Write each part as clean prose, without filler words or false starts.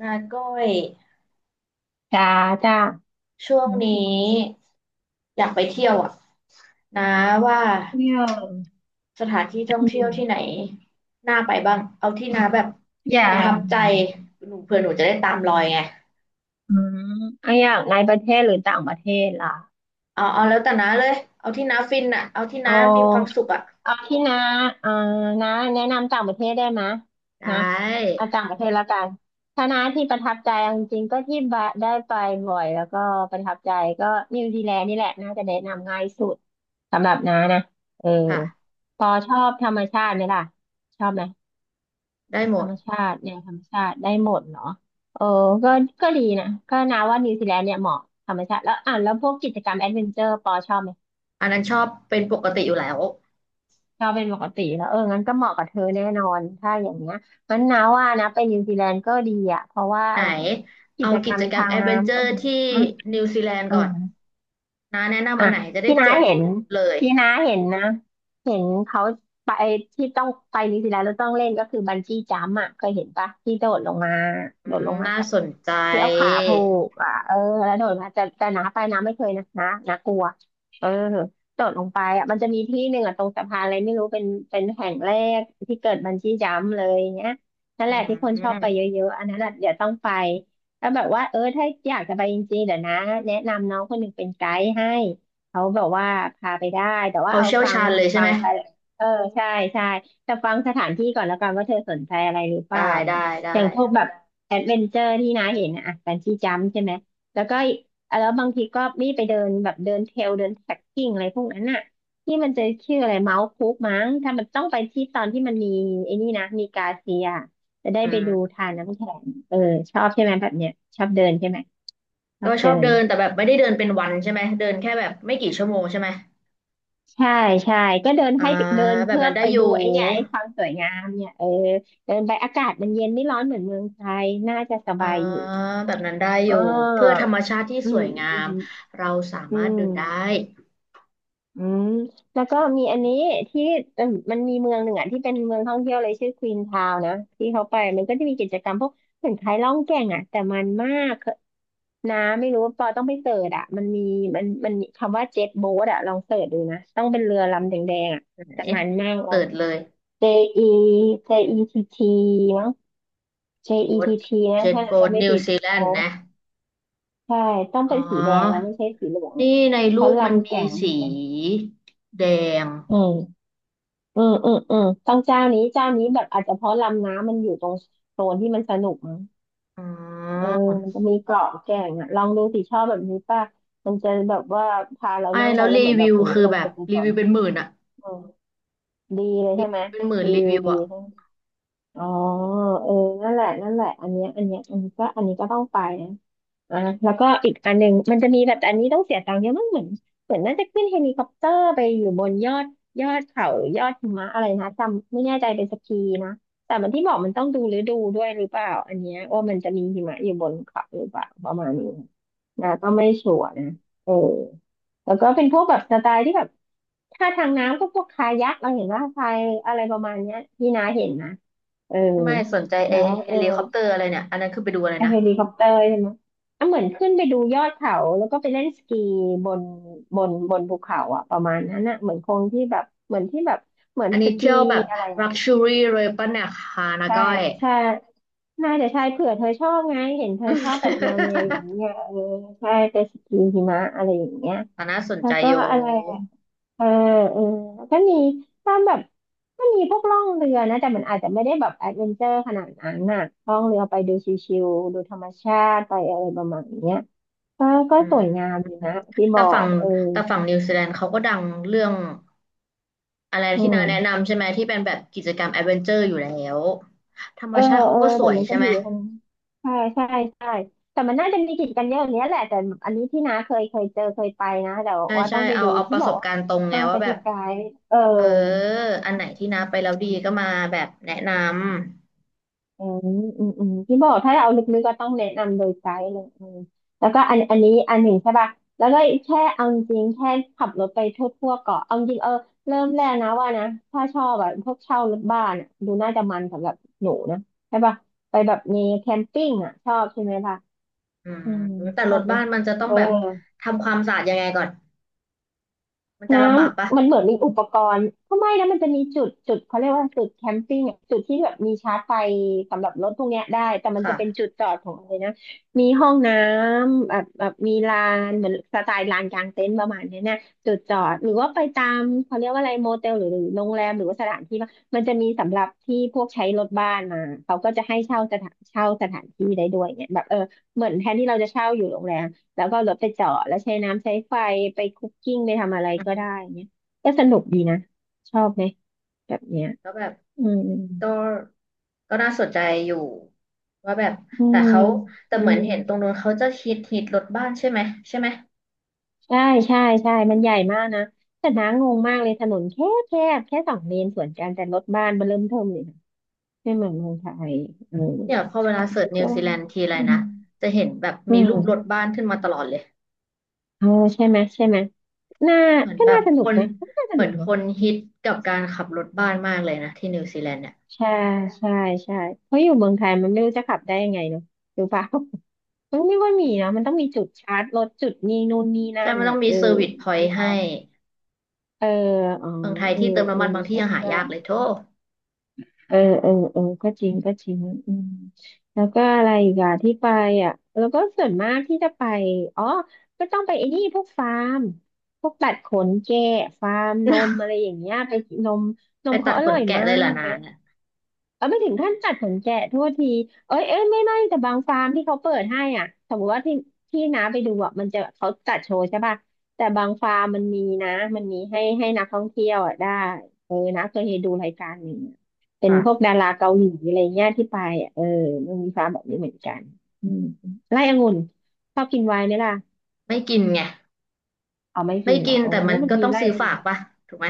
นาก้อยจ้าจ้าช่วอืงมนี้อยากไปเที่ยวอ่ะนาว่าเที่ยวสถานที่ท่องอืเที่ยวมที่ไหนน่าไปบ้างเอาที่อืนามแบบอย่าประทับงใจหนูเผื่อหนูจะได้ตามรอยไงอืมเอาอย่างในประเทศหรือต่างประเทศล่ะเอาแล้วแต่นาเลยเอาที่นาฟินอ่ะเอาที่เอนามีความาสุขอ่ะเอาที่น้าเอ่อน้าแนะนำต่างประเทศได้ไหมยไดนะ้เอาต่างประเทศแล้วกันถ้าน้าที่ประทับใจเอาจริงๆก็ที่บะได้ไปบ่อยแล้วก็ประทับใจก็นิวซีแลนด์นี่แหละน่าจะแนะนำง่ายสุดสำหรับน้านะเออค่ะพอชอบธรรมชาติไหมล่ะชอบไหม ได้หมธรดรมชาติเนี่ยธรรมชาติได้หมดเนาะเออก็ก็ดีนะก็นาว่านิวซีแลนด์เนี่ยเหมาะธรรมชาติแล้วอ่ะแล้วพวกกิจกรรมแอดเวนเจอร์ปอชอบไหมอันนั้นชอบเป็นปกติอยู่แล้วชอบเป็นปกติแล้วเอองั้นก็เหมาะกับเธอแน่นอนถ้าอย่างเงี้ยงั้นนาว่านะไปนิวซีแลนด์ก็ดีอ่ะเพราะว่าไหนอะไรอ่ะกิเอาจกกิรรจมกรรทามงแอดเวนเจน้ำอก็ร์มีที่อืมนิวซีแลนด์อืก่อม นนาแนะนำอ่ะอันไหนจะได้ที่จน้าดเห็นเลยที่น้าเห็นนะเห็นเขาไปที่ต้องไปนิวซีแลนด์แล้วต้องเล่นก็คือบันจี้จัมป์อ่ะเคยเห็นปะที่โดดลงมาโดดลงมาน่าจากสนใจ ที่เอาขาผูกอ่ะเออแล้วโดดมาแต่น้าไปน้าไม่เคยนะน้ากลัวเออโดดลงไปอ่ะมันจะมีที่หนึ่งอ่ะตรงสะพานอะไรไม่รู้เป็นแห่งแรกที่เกิดบันจี้จัมป์เลยเนี้ยนั่นอืแหละที่คนชอบไปเยมอะๆอันนั้นอ่ะเดี๋ยวต้องไปแล้วแบบว่าเออถ้าอยากจะไปจริงๆเดี๋ยวนะแนะนำน้องคนหนึ่งเป็นไกด์ให้ เขาแบบว่าพาไปได้แต่ว่าเอาเอาเชี่ยวฟังชาญเลยใช่ฟัไหมงอะไรเออใช่ใช่แต่ฟังสถานที่ก่อนแล้วกันว่าเธอสนใจอะไรหรือเปได้ล่านะได้ได้อย่างพวกแบบแอดเวนเจอร์ที่น้าเห็นนะอ่ะแฟนซีจัมใช่ไหมแล้วก็อ่ะแล้วบางทีก็มีไปเดินแบบเดินเทรลเดินแท็กกิ้งอะไรพวกนั้นน่ะที่มันจะชื่ออะไรเมาส์คุกมั้งถ้ามันต้องไปที่ตอนที่มันมีไอ้นี่นะมีกาเซียจะได้อืไปมดูทานน้ำแข็งเออชอบใช่ไหมแบบเนี้ยชอบเดินใช่ไหมชอก็บชเดิอบน เดินแต่แบบไม่ได้เดินเป็นวันใช่ไหมเดินแค่แบบไม่กี่ชั่วโมงใช่ไหมใช่ใช่ก็เดินอ่าให้เดินแบบเพื่อนั้นได้ไปอยู่ดูไอ้เนี่ยไอ้ความสวยงามเนี่ยเออเดินไปอากาศมันเย็นไม่ร้อนเหมือนเมืองไทยน่าจะสอ่าบายอยู่แบบนั้นได้ออ๋อยู่เพื่อธรรมชาติที่อืสวมยงาอืมมเราสาอืมารถเดินได้มอืมแล้วก็มีอันนี้ที่เออมันมีเมืองหนึ่งอ่ะที่เป็นเมืองท่องเที่ยวเลยชื่อควีนทาวน์นะที่เขาไปมันก็จะมีกิจกรรมพวกเหมือนคล้ายล่องแก่งอ่ะแต่มันมากนะไม่รู้ปอต้องไปเสิร์ชอ่ะมันมีมันมีคำว่าเจ็ตโบ๊ทอ่ะลองเสิร์ชดูนะต้องเป็นเรือลำแดงๆอ่ะไหนแต่มันมากลอเปิง ดเลย JE j ี t E t มั้ง โบ๊ท JETT นะเจ็ตถ้าเราโบ๊ทจำไม่นิวผิดซีแลอ๋นอด์นะใช่ต้องอ๋อเป็นสีแดงนะไม่ใช่สีเหลืองเนี่ยนี่ในเพรูราะปมันลำมีแก่งเหมือสีนกันแดงอืมอืมอืมอืมต้องเจ้านี้เจ้านี้แบบอาจจะเพราะลำน้ำมันอยู่ตรงโซนที่มันสนุกมั้งอ๋อเออมันจะมีเกาะแก่งอ่ะลองดูสิชอบแบบนี้ป่ะมันจะแบบว่าพาเราไม่นั่งไปแล้วแล้วรีเหมือนแบวิบวโอ้คือเราแบจบบกันรีสวินวเป็นหมื่นอะ อืมดีเลยรีใช่วิไหมวเป็นหมื่นรีรีวิววิวดีอ่ะใช่ไหมอ๋อเออนั่นแหละนั่นแหละอันเนี้ยอันเนี้ยอันนี้ก็อันนี้ก็ต้องไปนะ อ่าแล้วก็อีกอันหนึ่งมันจะมีแบบแต่อันนี้ต้องเสียตังค์เยอะมากเหมือนเหมือนน่าจะขึ้นเฮลิคอปเตอร์ไปอยู่บนยอดยอดเขาหรือยอดหิมะอะไรนะจำไม่แน่ใจเป็นสกีนะแต่มันที่บอกมันต้องดูฤดูด้วยหรือเปล่าอันเนี้ยว่ามันจะมีหิมะอยู่บนเขาหรือเปล่าประมาณนี้นะก็ไม่ชัวร์นะเออแล้วก็เป็นพวกแบบสไตล์ที่แบบถ้าทางน้ำก็พวกคายักเราเห็นว่าพายอะไรประมาณเนี้ยพี่นาเห็นนะเออไม่สนใจไอแล้วเฮเออ ลิคอปเตอร์อะไรเนี่ย อันนั้นคือไปดูอะไรไอนะ เฮลิคอปเตอร์ใช่ไหมอ่ะเหมือนขึ้นไปดูยอดเขาแล้วก็ไปเล่นสกีบนบนภูเขาอะประมาณนั้นอะเหมือนคงที่แบบเหมือนที่แบบเหมือนอันสนี้กีเที่ยวแบบอะไรอะลักชัวรี่เลยปะเนี่ยค่ะนะใช่ก้อยใช่น่าจะใช่เผื่อเธอชอบไงเห็นเธอชอบแบบแนวแนวอย่างนี้ไงเออใช่ไปสกีหิมะอะไรอย่างเงี้ยอันน่าสนแล้ใจวก็อยู่อะไรอะเออเออแล้วก็มีตามแบบก็มีพวกล่องเรือนะแต่มันอาจจะไม่ได้แบบแอดเวนเจอร์ขนาดนั้นน่ะล่องเรือไปดูชิวๆดูธรรมชาติไปอะไรประมาณเนี้ย ก็ก็อืสวยงามดีมนะที่บแต่อฝั่กงเออแต่ฝั่งนิวซีแลนด์เขาก็ดังเรื่องอะไรอืที่นาแนะมนำใช่ไหมที่เป็นแบบกิจกรรมแอดเวนเจอร์อยู่แล้วธรรเอมอชาติเขาเออก็สแต่วยมันใช่ก็ไหม มีคนใช่ใช่ใช่แต่มันน่าจะมีกิจกันเยอะอย่างเนี้ยแหละแต่อันนี้ที่น้าเคยเจอเคยไปนะแต่ใช่ว่าใช่ต้องไปเอาดูเอาปที่ระบสอกบว่าการณ์ตรงไงต้องไปว่าแบที่บไกด์เออ เอออันไหนที่น้าไปแล้วดีก็มาแบบแนะนำ อืมอืมอืมที่บอกถ้าเอาลึกๆก็ต้องแนะนำโดยไกด์เลยอืมแล้วก็อันนี้ อันหนึ่งใช่ป่ะ แล้วก็แค่เอาจริงแค่ขับรถไปทั่วๆเกาะเอาจริงเออเริ่มแรกนะว่านะถ้าชอบแบบพวกเช่ารถบ้านอะดูน่าจะมันสำหรับหนูนะใช่ป่ะไปแบบมีแคมปิ้งอ่ะชอบใช่ไหมล่ะอืมอืมแต่ชรอบถไหมบ้านมันจะต้อเองอ แบบทำความสะอาดยังไงก่อน มันจะน้ลำบากปะำมันเหมือนมีอุปกรณ์ก็ไม่นะมันจะมีจุดเขาเรียกว่าจุดแคมปิ้งอะจุดที่แบบมีชาร์จไฟสำหรับรถพวกเนี้ยได้แต่มันจะเป็นค่ะจุดจอดของอะไรนะมีห้องน้ำแบบมีลานเหมือนสไตล์ลานกลางเต็นท์ประมาณเนี้ยนะจุดจอดหรือว่าไปตามเขาเรียกว่าอะไรโมเตลหรือโรงแรมหรือว่าสถานที่ว่ามันจะมีสำหรับที่พวกใช้รถบ้านมาเขาก็จะให้เช่าสถานที่ได้ด้วยเนี่ยแบบเออเหมือนแทนที่เราจะเช่าอยู่โรงแรม แล้วก็เอารถไปเจอะแล้วใช้น้ำใช้ไฟไปคุกกิ้งไปทำอะไรอืก็มได้เนี่ยก็สนุกดีนะชอบไหมแบบเนี้ยแล้วแบบอืมก็ก็น่าสนใจอยู่ว่าแบบอืแต่มเขาแต่อืเหมือนมเห็นตรงนู้นเขาจะฮิตรถบ้านใช่ไหมใช่ไหมใช่ใช่ใช่มันใหญ่มากนะแต่น้างงมากเลยถนนแคบแคบแค่สองเลนสวนกันแต่รถบ้านเบิ่มเริ่มเทิมเลยนะไม่เหมือนเมืองไทยอืมเนี่ยพอเวลาเสิแล้ร์ชวนิก็วซีแลนด์ทีไรอืมนะจะเห็นแบบอืมีรูปรถมบ้านขึ้นมาตลอดเลยเออใช่ไหมใช่ไหมน่าเหมือนก็แบน่าบสคนุกนไหมก็น่าสเหมือนุนกคนะ นฮิตกับการขับรถบ้านมากเลยนะที่นิวซีแลนด์เนี่ยใช่ใช่ใช่เพราะอยู่เมืองไทยมันไม่รู้จะขับได้ยังไงเนาะรู้ปะ มันไม่ค่อยอืมีนะมันมต้องมีจุดชาร์จรถจุดนี่นู่นนี่นั่ใช่นมันต้อ่ะองมีเออเซอร์วิสพอมันยไม่ต์พรให้อเอออ๋อเมืองไทยเออที่เติมเอน้ำอมันบางที่ใช่ยังหาใช่ยากเลยโธ่ เออเออเออก็จริงก็จริงอืมแล้วก็อะไรอีกอะที่ไปอ่ะแล้วก็ส่วนมากที่จะไปอ๋อก็ต้องไปไอ้นี่พวกฟาร์มพวกตัดขนแกะฟาร์มนมอะไรอย่างเงี้ยไปนมนไปมตัเขาดอขร่นอยแกะมาเลยเหรอกนาเนี่ยนะ เออไม่ถึงขั้นตัดขนแกะโทษทีเอ้ยเอ้ยไม่แต่บางฟาร์มที่เขาเปิดให้อ่ะสมมติว่าที่น้าไปดูอ่ะมันจะเขาจัดโชว์ใช่ป่ะแต่บางฟาร์มมันมีนะมันมีให้นักท่องเที่ยวอ่ะได้เออนะเคยดูรายการหนึ่งอะเป็นพวกค่ะดาราเกาหลีอะไรเงี้ยที่ไปอ่ะเออมันมีฟาร์มแบบนี้เหมือนกันอืมไร่องุ่นชอบกินไวน์ไหมล่ะไม่กินไง เอาไม่ไม่กินเหรกิอนโอ้แต่มันมันก็มีต้องไร่ซื้ออฝางุ่กนปะถูกไหม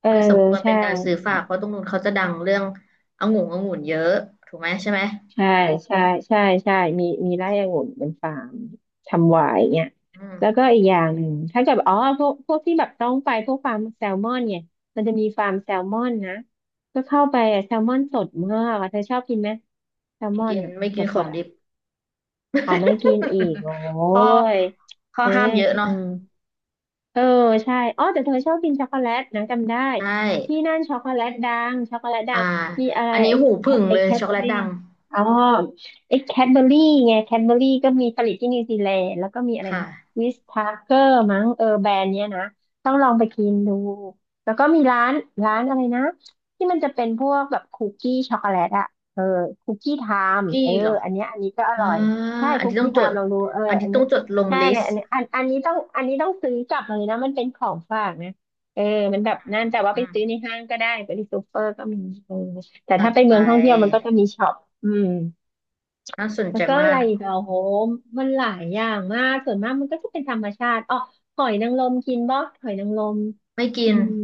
เออมันสมควรเป็ใช่ นการซื้อฝากเพราะตรงนู้นเขาจะดังเรื่ององุ่นองุ่นเยอะถูกไหมใช่ไหมใช่ใช่ใช่ใช่มีมีไร่องุ่นเป็นฟาร์มทำไวน์เนี่ยอืแล้วมก็อีกอย่างหนึ่งถ้าเกิดอ๋อพวกที่แบบต้องไปพวกฟาร์มแซลมอนเนี่ยมันจะมีฟาร์มแซลมอนนะก็เข้าไปอะแซลมอนสดมากอะเธอชอบกินไหมแซลไม่มอนกิน อะไม่สกินดขสอดงอะดิบ อ๋อไม่กินอีกโอ้ ข้อยข้อเออห้ามเยอะอืเนาะม เออใช่อ๋อแต่เธอชอบกินช็อกโกแลตนะจำได้ใช่ที่นั่นช็อกโกแลตดังช็อกโกแลตดัอ่างมีอะไรอันนี้หูไอ้ผึ่งแคไอ้เลยแคดช็อกเบโกอแลตรี่ดังอ๋อไอ้แคดเบอรี่ไงแคดเบอรี่ก็มีผลิตที่นิวซีแลนด์แล้วก็มีอะคไรนะ่ะวิสทาเกอร์มั้งเออแบรนด์เนี้ยนะต้องลองไปกินดูแล้วก็มีร้านร้านอะไรนะที่มันจะเป็นพวกแบบคุกกี้ช็อกโกแลตอะเออคุกกี้ไทกม์กี้เออเหรออันนี้ก็ออ่าร่อยใช่อันคุกนี้ต้อกี้งไทจด ม์ลองดูเอออันนี้อันต้นี้ องจดลงใช่ลิสอันต์นี้อันอันนี้ต้องอันนี้ต้องซื้อกลับมาเลยนะมันเป็นของฝากนะเออมันแบบนั่นแต่ว่าไปอืซื้อมในห้างก็ได้ไปที่ซูเปอร์ก็มีเออแต่จัถ้าดไปไป เมืองท่องเที่ยวมันก็จะมีช็อปอืมน่าสนแล้ใจวก็มาอะไรกอีกอะโหมันหลายอย่างมากส่วนมากมันก็จะเป็นธรรมชาติอ๋อหอยนางรมกินบ่หอยนางรมไม่กิอืน ม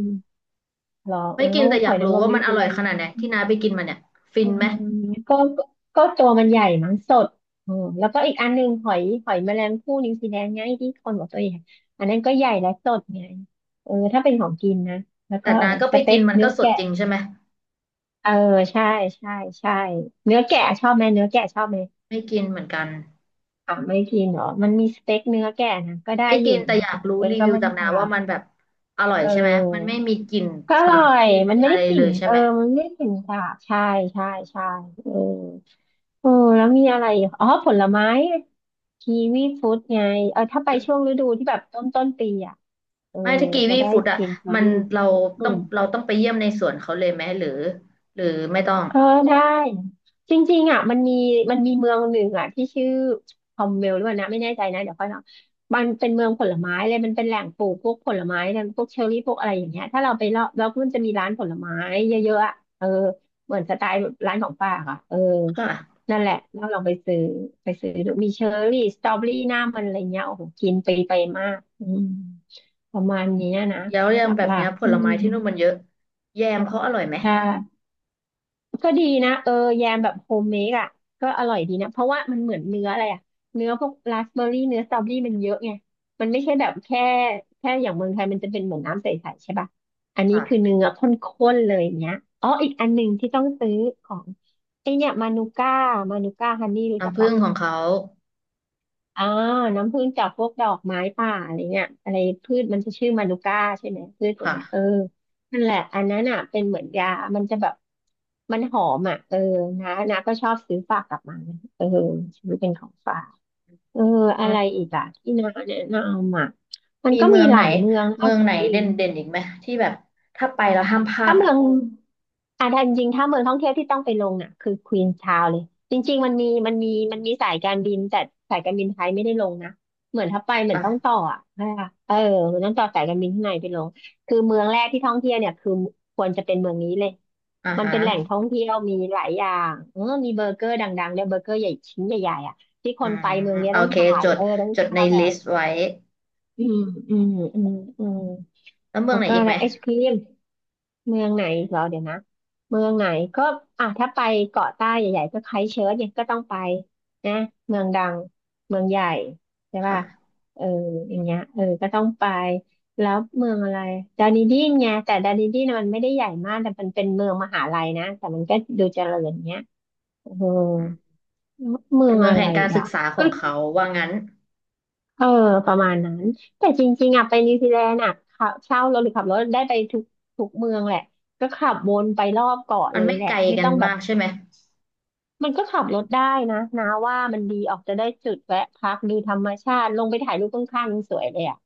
เหรอไม่อ๋อกินแต่อหยาอยกนารู้งรมว่านิมัวนอซีร่แลอยนขด์ นาดไหนที่น้าไปกินมาเนี่ยฟิอืนไหมมก็ก็ตัวมันใหญ่มั้งสดอืมแล้วก็อีกอันหนึ่งหอยหอยแมลงภู่นิวซีแลนด์ไงที่คนบอกตัวใหญ่อันนั้นก็ใหญ่และสดไงเออถ้าเป็นของกินนะแล้วก็แต่อะน้าไรก็สไปเต็กิกนมันเนื้ก็อสดแกะจริงใช่ไหมเออใช่ใช่ใช่เนื้อแกะชอบไหมเนื้อแกะชอบไหมไม่กินเหมือนกันอ่ะไม่กินเหรอมันมีสเต็กเนื้อแกะนะก็ได้ไม่อกิยู่นแต่นะอยากรู้เออรีก็วิวไม่จาได้กปน้าลาว่ามันแบบอร่อยเออ ใช่ไหมมันไม่มีกลิ่นก็อสาร่อบย ไม่มีมันไม่อะได้ไรกเลลิ่นยใช่เออ ไหมมันไม่ได้กลิ่นสาบใช่ใช่ใช่เออเออแล้วมีอะไรอีกอ๋อผลไม้กีวีฟรุตไง เออถ้าไปช่วงฤดูที่แบบต้นปีอ่ะ เออไม่ถ้ากีจะวีได้ฟู้ดอ่ะกินเชอมันรี่เราอืต้องม เราต้องไปเยี่ยมในสวนเขาเลยไหมหรือหรือไม่ต้องเออได้จริงๆอ่ะมันมีเมืองหนึ่งอ่ะที่ชื่อคอมเวลหรือเปล่านะไม่แน่ใจนะเดี๋ยวค่อยเนาะมันเป็นเมืองผลไม้เลยมันเป็นแหล่งปลูกพวกผลไม้เนี่ยพวกเชอร์รี่พวกอะไรอย่างเงี้ยถ้าเราไปเลาะเราก็มันจะมีร้านผลไม้เยอะๆอ่ะเออเหมือนสไตล์ร้านของป้าค่ะเออค่ะนั่นแหละเราลองไปซื้อไปซื้อดูมีเชอร์รี่สตรอเบอรี่หน้ามันอะไรเงี้ยโอ้โหกินไปไปมากอืมประมาณเนี้ยนะแล้วอย่าหงลแบบัเนี้ยกผๆอืลมไม้ที่นู่นมันเยอะแยมเขาอร่อยไหมใช่ ก็ดีนะเออแยมแบบโฮมเมดอ่ะก็อร่อยดีนะเพราะว่ามันเหมือนเนื้ออะไรอ่ะเนื้อพวกราสเบอร์รี่เนื้อสตรอเบอรี่มันเยอะไงมันไม่ใช่แบบแค่อย่างเมืองไทยมันจะเป็นเหมือนน้ำใสๆใช่ป่ะอันนี้คือค่ะเนื้อข้นๆเลยอย่างเนี้ยอ๋ออีกอันหนึ่งที่ต้องซื้อของไอเนี่ยมานูก้ามานูก้าฮันนี่รู้จักน้ำผึ้ปะ งของเขาอ่าน้ำผึ้งจากพวกดอกไม้ป่าอะไรเงี้ยอะไรพืชมันจะชื่อมานูก้าใช่ไหมพืชตัวเนี้ยเออค่ะ นั่นแหละอันนั้นอ่ะเป็นเหมือนยา มันจะแบบมันหอมอ่ะเออนะนะก็ชอบซื้อฝากกลับมาเออซื้อเป็นของฝากเอออะไรอีกอ่ะที่น้าแนะนำอ่ะมันมีก็เมืมีองหไหนลายเมืองนะเมืเอาองจไหนริเด่งนเด่นๆ อีกไหมที่แบบถ้าไปแล้วห้ามพลาถ้าดเมือ่ะองอ่ะถ้าจริงๆถ้าเมืองท่องเที่ยวที่ต้องไปลงน่ะคือควีนชาวเลยจริงๆมันมีสายการบินแต่สายการบินไทยไม่ได้ลงนะเหมือนถ้าไปเหมือนอ่ะต้องต่ออ่ะใช่ปะเออเหมือนต้องต่อสายการบินข้างในไปลงคือเมืองแรกที่ท่องเที่ยวเนี่ยคือควรจะเป็นเมืองนี้เลยอ่ามันฮะเป็นแหล่งท่องเที่ยวมีหลายอย่างเออมีเบอร์เกอร์ดังๆด้วยเบอร์เกอร์ใหญ่ชิ้นใหญ่ๆอ่ะที่คอืนไปมเมืองเนี้ยโอต้องเคถ่ายจดเออต้องจดในถ่ายแบลิบสต์ไว้อืมอืมอืมอืม แล้วเมือแล้งวไหนก็อีอะกไรไหมไอศครีมเมืองไหนอีกเหรอเดี๋ยวนะเมืองไหนก็อ่ะถ้าไปเกาะใต้ใหญ่ๆก็ไครสต์เชิร์ชเนี่ยก็ต้องไปนะเมืองดังเมืองใหญ่ใช่ป่ะค่ะเอออย่างเงี้ยเออก็ต้องไปแล้วเมืองอะไรดานิดีนไงแต่ดานิดีนน่ะมันไม่ได้ใหญ่มากแต่มันเป็นเมืองมหาลัยนะแต่มันก็ดูเจริญเงี้ยเอออืมเมืเป็อนงเมืองอะแห่ไรงการศึกอ่ะ ษาของเขาว่างั้นเออประมาณนั้นแต่จริงๆอ่ะไปนิวซีแลนด์อ่ะขับเช่ารถหรือขับรถได้ไปทุกเมืองแหละก็ขับวนไปรอบเกาะมัเลนยไม่แหละไกลไม่กัต้นองแบมาบกใช่ไหมมันก็ขับรถได้นะนะว่ามันดีออกจะได้จุดแวะพักดูธรรมชาติลงไปถ่ายรูปข้างๆยังสวยเลยอ่ะ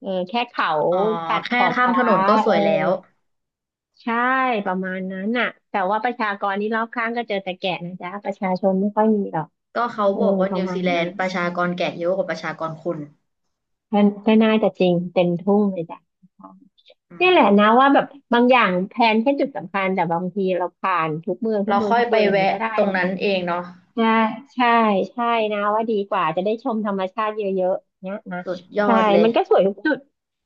เออแค่เขาอ๋อตัดขแค่อบข้ามถฟ้านนก็สเอวอยแล้วใช่ประมาณนั้นน่ะแต่ว่าประชากรนี้รอบข้างก็เจอแต่แก่นะจ๊ะประชาชนไม่ค่อยมีหรอกก็เขาเออบอกว่าประนิวมาซีณแลนั้นนด์ประชากรแก่เยอะกว่าประชากรคนก็ก็น่าจะจริงเต็มทุ่งเลยจ้ะ อืเนี่ยมแหละนะว่าแบบบางอย่างแพลนแค่จุดสำคัญแต่บางทีเราผ่านเราค่อยทุกไปเมืองอย่างนี้แวะก็ได้ตรงนะนั้นเองเนาะใช่ใช่ใช่นะว่าดีกว่าจะได้ชมธรรมชาติเยอะๆเนี่ยนะสุดยอใช่ดเลมัย นก็สวยทุกจุด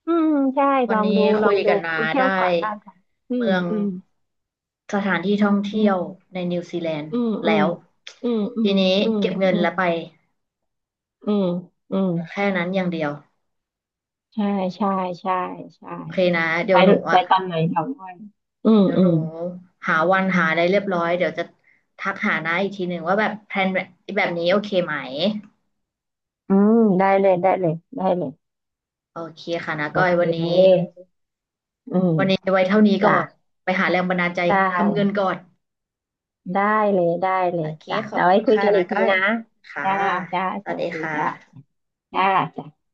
อืมใช่ลวันองนี้ดูลอคุงยดูกันนาเที่ยวได้เกาะล้านก่อนอืมเมืองอืมสถานที่ท่องอืเที่ยวมในนิวซีแลนด์อืมอืแล้มวอืมอืทีมนี้เก็บเงิอืนมแล้วไปอืมอืมอืมแค่นั้นอย่างเดียวใช่ใช่ใช่ใช่โอเคนะเดี๋ไปยวหนูไปอ่ะตอนไหนเดี๋ยวด้วยอืมเดี๋ยวอืหนูมหาวันหาอะไรเรียบร้อยเดี๋ยวจะทักหานาอีกทีหนึ่งว่าแบบแพลนแบบแบบนี้โอเคไหมอืมได้เลยได้เลยได้เลย โอเคค่ะนะโอก้อยเค วันนี้อืม วันนี้ไว้เท่านี้ก่อจ้ะนไปหาแรงบันดาลใจได้ทำเงินก่อนได้เลย ได้เลโอย เคจ้ะ ขอเราบไว้คุณคุยค่ะกันอีนะกทีก้อยนะค่ะจ้าจ้าสสวัสดีวัสดีค่ะจ้าจ้าจ้า